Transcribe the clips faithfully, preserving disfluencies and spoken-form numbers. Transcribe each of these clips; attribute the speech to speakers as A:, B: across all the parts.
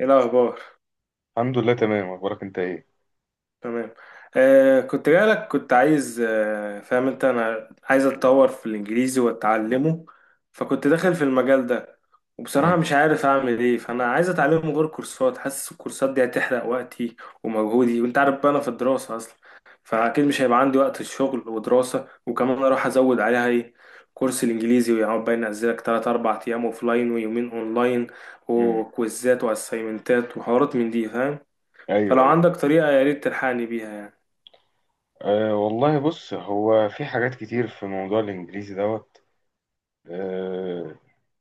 A: ايه الاخبار؟
B: الحمد لله، تمام. اخبارك انت ايه؟
A: تمام. آه كنت جايلك، كنت عايز. آه فاهم انت؟ انا عايز اتطور في الانجليزي واتعلمه، فكنت داخل في المجال ده. وبصراحة
B: امم،
A: مش عارف اعمل ايه، فانا عايز اتعلمه غير كورسات. حاسس الكورسات دي هتحرق وقتي ومجهودي، وانت عارف بقى انا في الدراسة اصلا، فاكيد مش هيبقى عندي وقت الشغل ودراسة، وكمان اروح ازود عليها ايه، كورس الانجليزي، ويقعد بقى ينزلك ثلاثة أربعة ايام اوفلاين ويومين اونلاين
B: امم.
A: وكويزات واسايمنتات وحوارات من دي، فاهم؟ فلو
B: ايوه، ايوه.
A: عندك طريقة يا ريت تلحقني بيها يعني.
B: أه، والله بص، هو في حاجات كتير في موضوع الانجليزي دوت. أه.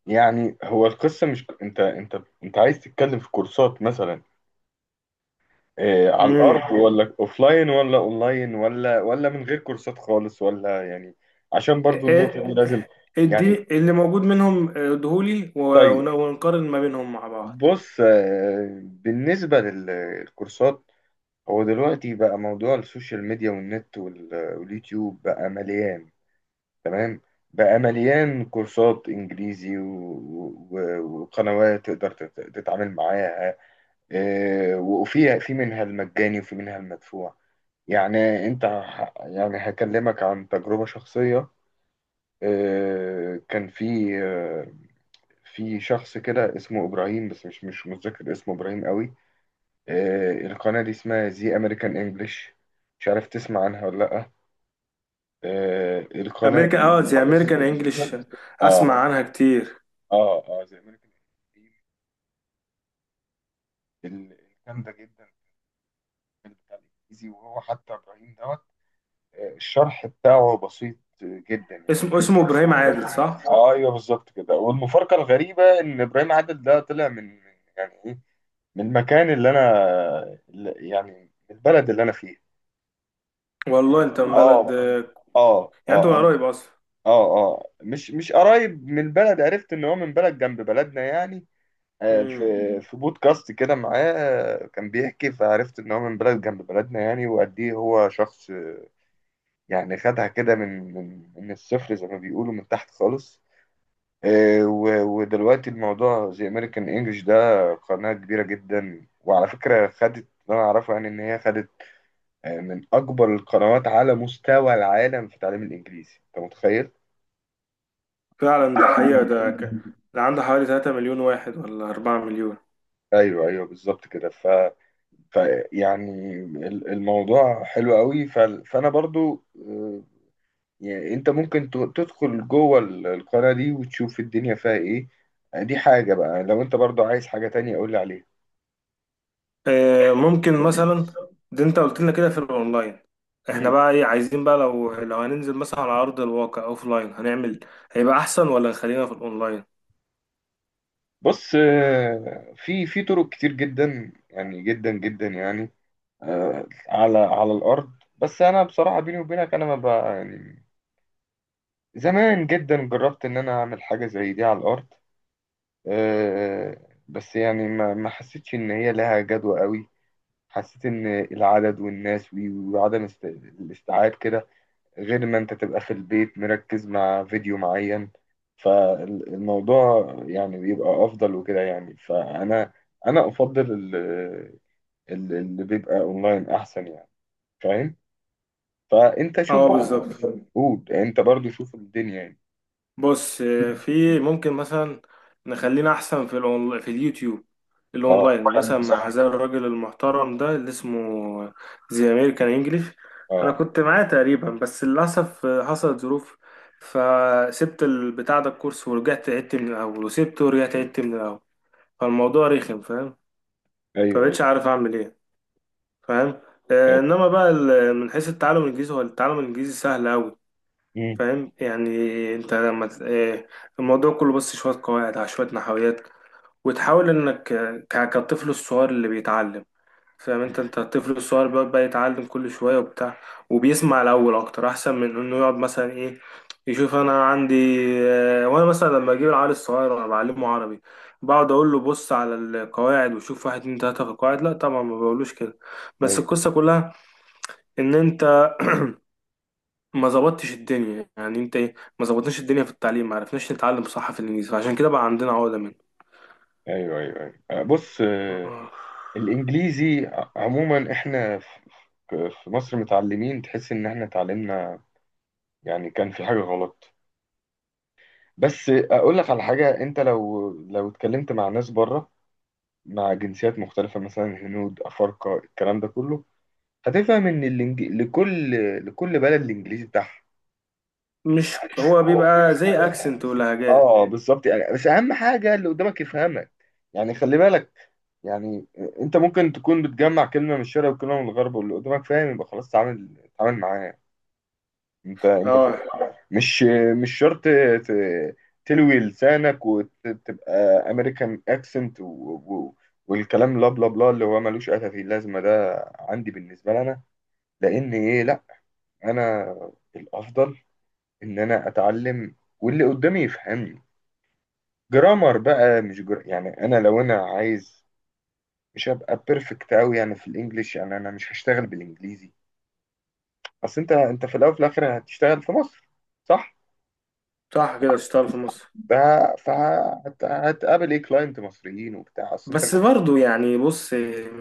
B: يعني هو القصه، مش انت انت انت عايز تتكلم في كورسات مثلا؟ أه، على
A: امم
B: الارض، ولا اوفلاين ولا اونلاين ولا ولا من غير كورسات خالص، ولا يعني؟ عشان برضو
A: إيه-
B: النقطه دي لازم. يعني،
A: ادي اللي موجود منهم ادهولي و-
B: طيب.
A: ون- ونقارن ما بينهم مع بعض.
B: بص، أه بالنسبه للكورسات، هو دلوقتي بقى موضوع السوشيال ميديا والنت وال- واليوتيوب بقى مليان. تمام. بقى مليان كورسات انجليزي و- و- وقنوات تقدر تت- تتعامل معاها. آه، وفيها في منها المجاني وفي منها المدفوع. يعني انت ه- يعني هكلمك عن تجربة شخصية. آه، كان في آه، في شخص كده اسمه ابراهيم، بس مش مش متذكر اسمه ابراهيم قوي. آه، القناة دي اسمها زي أمريكان إنجلش. مش عارف تسمع عنها ولا لأ؟ آه، القناة
A: امريكان اه زي
B: دي،
A: امريكان انجلش، اسمع
B: آه
A: عنها كتير.
B: آه آه زي أمريكان إنجلش الجامدة جدا في بتاع الإنجليزي، وهو حتى إبراهيم دوت. آه، الشرح بتاعه بسيط جدا
A: اسمه
B: يعني.
A: اسمه ابراهيم عادل، صح؟
B: آه، أيوه، بالظبط كده. والمفارقة الغريبة إن إبراهيم عادل ده طلع من من- يعني إيه، من المكان اللي أنا اللي- يعني، من البلد اللي أنا فيه.
A: والله، انت من بلد؟
B: آه، آه،
A: يعني انت من
B: آه.
A: قريب اصلا.
B: اه، اه، مش مش قريب من البلد، عرفت ان هو من بلد جنب بلدنا يعني. آه،
A: امم
B: في في بودكاست كده معاه، آه، كان بيحكي، فعرفت ان هو من بلد جنب بلدنا يعني، وقد ايه هو شخص. آه، يعني خدها كده من من من الصفر، زي ما بيقولوا، من تحت خالص. آه، و- ودلوقتي الموضوع زي امريكان انجلش ده قناة كبيرة جدا، وعلى فكرة خدت، اللي انا اعرفه يعني ان هي خدت، آه، من اكبر القنوات على مستوى العالم في تعليم الانجليزي. انت متخيل؟
A: فعلا ده حقيقة. ده ك... ده عنده حوالي ثلاثة مليون واحد ولا أربعة مليون؟
B: ايوه، ايوه، بالظبط كده. ف... ف يعني ال- الموضوع حلو قوي. ف... فانا برضو، آه، يعني انت ممكن ت- تدخل جوه ال- القناه دي وتشوف الدنيا فيها ايه. آه، دي حاجه، بقى لو انت برضو عايز حاجه تانية قول لي عليها.
A: آه، ممكن مثلا، ده انت قلت لنا كده في الاونلاين، احنا
B: مم.
A: بقى ايه عايزين بقى، لو لو هننزل مثلا على ارض الواقع اوف لاين هنعمل، هيبقى احسن ولا نخلينا في الاونلاين؟
B: بص، آه، في في طرق كتير جدا يعني، جدا جدا يعني، آه، على على الارض. بس انا بصراحه، بيني وبينك، انا ما بقى يعني، زمان جدا جربت ان انا اعمل حاجه زي دي على الارض، آه، بس يعني ما ما حسيتش ان هي لها جدوى قوي. حسيت ان العدد والناس وي- وعدم است- الاستيعاب كده، غير ما انت تبقى في البيت مركز مع فيديو معين. فالموضوع يعني بيبقى افضل وكده يعني، فانا انا افضل ال- ال- اللي بيبقى اونلاين احسن يعني. فاهم. فانت شوف
A: اه،
B: بقى،
A: بالظبط.
B: قول انت برضو، شوف الدنيا يعني.
A: بص، آه، في، ممكن مثلا نخلينا احسن في الأون... في اليوتيوب،
B: اه،
A: الاونلاين، مثلا مع هذا الراجل المحترم ده اللي اسمه زي امريكان انجليش. انا
B: اه.
A: كنت معاه تقريبا، بس للاسف آه، حصلت ظروف، فسبت البتاع ده الكورس، ورجعت عدت من الاول، وسبته ورجعت عدت من الاول، فالموضوع رخم، فاهم؟
B: ايوه، ايوه،
A: فمبقتش عارف اعمل ايه، فاهم؟ آه
B: ايوه.
A: انما بقى ال- من حيث التعلم الانجليزي، هو التعلم الانجليزي سهل قوي،
B: مم.
A: فاهم يعني؟ انت لما ت- آه الموضوع كله بس شويه قواعد على شويه نحويات، وتحاول انك، آه، ك- كالطفل الصغير اللي بيتعلم. فاهم انت انت الطفل الصغير بيقعد بقى يتعلم كل شوية وبتاع، وبيسمع الأول أكتر، أحسن من إنه يقعد مثلا إيه، يشوف أنا عندي، اه، وأنا مثلا لما أجيب العيال الصغير، أنا بعلمه عربي، بقعد أقول له بص على القواعد وشوف واحد اتنين تلاتة في القواعد؟ لا طبعا، ما بقولوش كده. بس
B: أيوة.
A: القصة كلها إن أنت ما ظبطتش الدنيا، يعني أنت إيه، ما ظبطناش الدنيا في التعليم، ما عرفناش نتعلم صح في الإنجليزي، عشان كده بقى عندنا عقدة منه.
B: ايوه، ايوه، ايوه. آه، بص، آه،
A: اه.
B: الانجليزي ع- عموما، احنا ف- ف- في مصر متعلمين، تحس ان احنا اتعلمنا يعني كان في حاجه غلط. بس اقول لك على حاجه، انت لو لو اتكلمت مع ناس بره، مع جنسيات مختلفه، مثلا هنود افارقه، الكلام ده كله، هتفهم ان الإنج... لكل لكل بلد الانجليزي
A: مش هو بيبقى زي
B: بتاعها.
A: أكسنت ولهجات؟
B: اه، بالظبط يعني، بس اهم حاجه اللي قدامك يفهمك، يعني خلي بالك، يعني، انت ممكن تكون بتجمع كلمه من الشرق وكلمه من الغرب، واللي قدامك فاهم، يبقى خلاص تعامل تعامل معاه. انت انت
A: اه،
B: فاهم؟ مش مش شرط ت- تلوي لسانك وتبقى امريكان اكسنت والكلام، لا بلا بلا، اللي هو ملوش اي في اللازمه، ده عندي بالنسبه لي انا، لان ايه، لا، انا الافضل ان انا اتعلم واللي قدامي يفهمني. جرامر بقى، مش جر... يعني انا لو انا عايز، مش هبقى بيرفكت قوي يعني في الانجليش، يعني انا مش هشتغل بالانجليزي. اصل انت انت في الاول وفي الاخر هتشتغل في مصر، صح؟
A: صح كده، اشتغل في مصر.
B: ده فهتقابل ايه، كلاينت مصريين وبتاع، اصل انت مش.
A: بس برضو يعني، بص،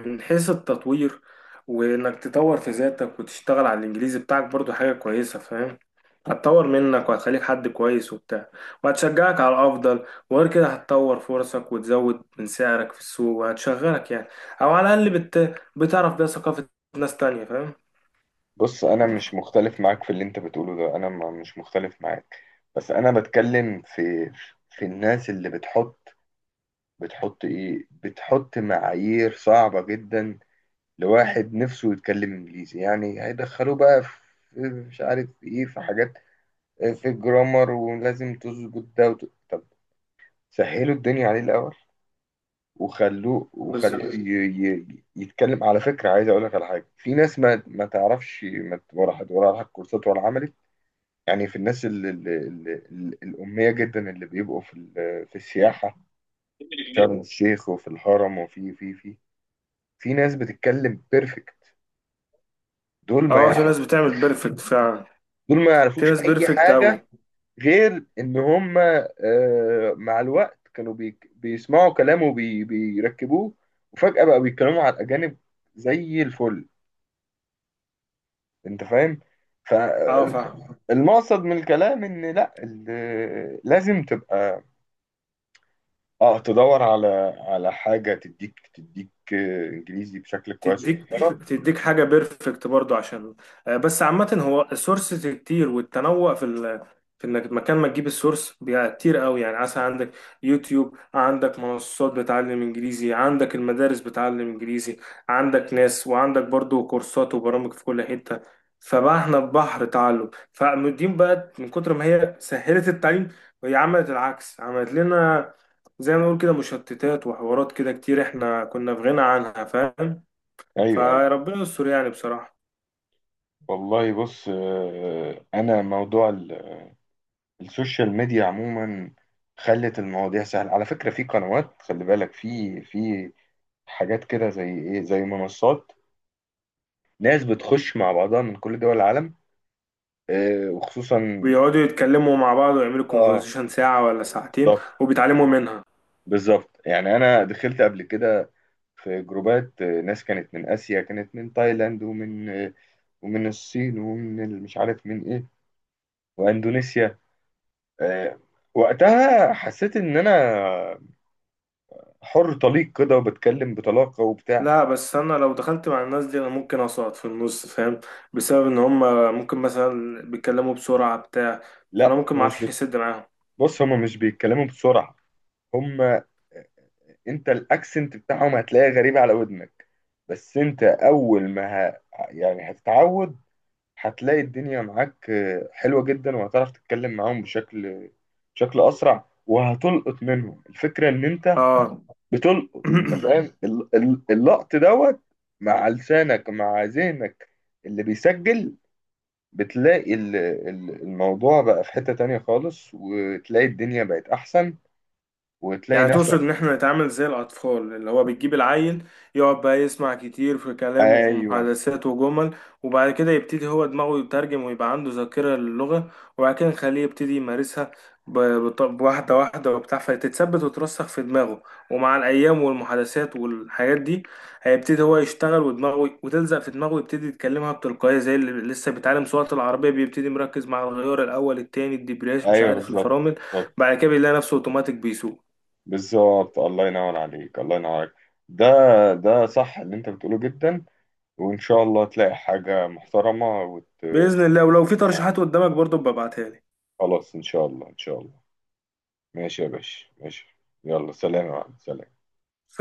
A: من حيث التطوير، وانك تطور في ذاتك وتشتغل على الانجليزي بتاعك، برضو حاجة كويسة، فاهم؟ هتطور منك، وهتخليك حد كويس وبتاع، وهتشجعك على الافضل، وغير كده هتطور فرصك، وتزود من سعرك في السوق وهتشغلك يعني. او على الاقل بت... بتعرف بيها ثقافة ناس تانية، فاهم؟
B: بص انا مش مختلف معاك في اللي انت بتقوله ده، انا ما- مش مختلف معاك. بس انا بتكلم في في الناس اللي بتحط، بتحط ايه، بتحط معايير صعبة جدا لواحد نفسه يتكلم انجليزي، يعني هيدخلوه بقى في، مش عارف، في ايه، في حاجات، في الجرامر، ولازم تظبط ده وت... طب سهلوا الدنيا عليه الاول، وخلوه
A: بس
B: وخلوه ي... ي... يتكلم. على فكره عايز اقول لك على حاجه، في ناس ما ما تعرفش، ما ت- ولا حد ولا على كورسات ولا عملت، يعني في الناس ال... ال... ال... ال... الاميه جدا، اللي بيبقوا في ال... في السياحه، في شرم الشيخ وفي الهرم وفي في في في ناس بتتكلم بيرفكت. دول ما
A: اه في
B: يعرف-
A: ناس بتعمل بيرفكت فعلا،
B: دول ما
A: في
B: يعرفوش
A: ناس
B: اي
A: بيرفكت
B: حاجه،
A: قوي.
B: غير ان هم، آه، مع الوقت كانوا بي- بيسمعوا كلامه وبي- بيركبوه وفجأة بقى بيتكلموا على الأجانب زي الفل. انت فاهم؟
A: اه، فاهم.
B: فالمقصد من الكلام، ان لا، ال- لازم تبقى، اه، تدور على على حاجة تديك تديك، آه، انجليزي بشكل كويس
A: تديك
B: ومحترم.
A: تديك حاجة بيرفكت برضو عشان، آه، بس عامة هو السورسز كتير، والتنوع في ال... في انك مكان ما تجيب السورس بيبقى كتير قوي، يعني عسى عندك يوتيوب، عندك منصات بتعلم انجليزي، عندك المدارس بتعلم انجليزي، عندك ناس، وعندك برضو كورسات وبرامج في كل حتة. فبقى احنا في بحر تعلم، فالدين بقى من كتر ما هي سهلت التعليم وهي عملت العكس، عملت لنا زي ما نقول كده مشتتات وحوارات كده كتير احنا كنا في غنى عنها، فاهم؟
B: ايوه، ايوه.
A: فربنا يستر يعني، بصراحة.
B: والله بص، آه، انا موضوع ال السوشيال ميديا عموما خلت المواضيع سهلة. على فكرة في قنوات، خلي بالك، في في حاجات كده زي ايه، زي منصات، ناس بتخش مع بعضها من كل دول العالم، آه وخصوصا.
A: بيقعدوا يتكلموا مع بعض ويعملوا
B: اه،
A: كونفرزيشن ساعة ولا ساعتين،
B: بالظبط
A: وبيتعلموا منها.
B: بالظبط. يعني انا دخلت قبل كده في جروبات، آه، ناس كانت من اسيا، كانت من تايلاند ومن، آه، ومن الصين ومن ال- مش عارف من ايه، واندونيسيا. آه وقتها حسيت ان انا حر طليق كده، وبتكلم بطلاقة وبتاع.
A: لا، بس أنا لو دخلت مع الناس دي أنا ممكن أسقط في النص، فاهم؟ بسبب إن هما ممكن مثلا بيتكلموا بسرعة بتاع، فأنا
B: لا
A: ممكن
B: هو مش
A: معرفش
B: بي...
A: أسد معاهم.
B: بص هما مش بيتكلموا بسرعة. هما انت الاكسنت بتاعهم هتلاقيه غريب على ودنك، بس انت اول ما ه... يعني هتتعود، هتلاقي الدنيا معاك آه، حلوة جدا، وهتعرف تتكلم معاهم بشكل بشكل اسرع، وهتلقط منهم الفكرة ان انت
A: اه.
B: بتلقط. انت فاهم ال- ال- اللقط دوت، مع لسانك، مع ذهنك اللي بيسجل. بتلاقي ال- ال- الموضوع بقى في حتة تانية خالص، وتلاقي الدنيا بقت احسن، وتلاقي
A: يعني
B: نفسك.
A: تقصد ان احنا نتعامل زي الاطفال، اللي هو بتجيب العيل، يقعد بقى يسمع كتير في كلامه وفي
B: ايوه،
A: محادثات وجمل، وبعد كده يبتدي هو دماغه يترجم ويبقى عنده ذاكرة للغة، وبعد كده نخليه يبتدي يمارسها، ب- بط- بواحدة واحدة وبتاع، فتتثبت وترسخ في دماغه، ومع الأيام والمحادثات والحاجات دي، هيبتدي هو يشتغل ودماغه وتلزق في دماغه، ويبتدي يتكلمها بتلقائية، زي اللي لسه بيتعلم سواقة العربية، بيبتدي مركز مع الغيار الأول التاني الدبرياج مش
B: ايوه،
A: عارف
B: بالظبط
A: الفرامل،
B: بالظبط.
A: بعد كده بيلاقي نفسه اوتوماتيك بيسوق.
B: بالظبط. الله ينور عليك، الله ينور عليك. ده ده صح اللي انت بتقوله جدا. وان شاء الله تلاقي حاجة محترمة وت...
A: باذن الله، ولو في ترشيحات قدامك برضو ببعتها لي.
B: خلاص، ان شاء الله، ان شاء الله. ماشي يا باشا، ماشي. يلا، سلام يا معلم، سلام.
A: ف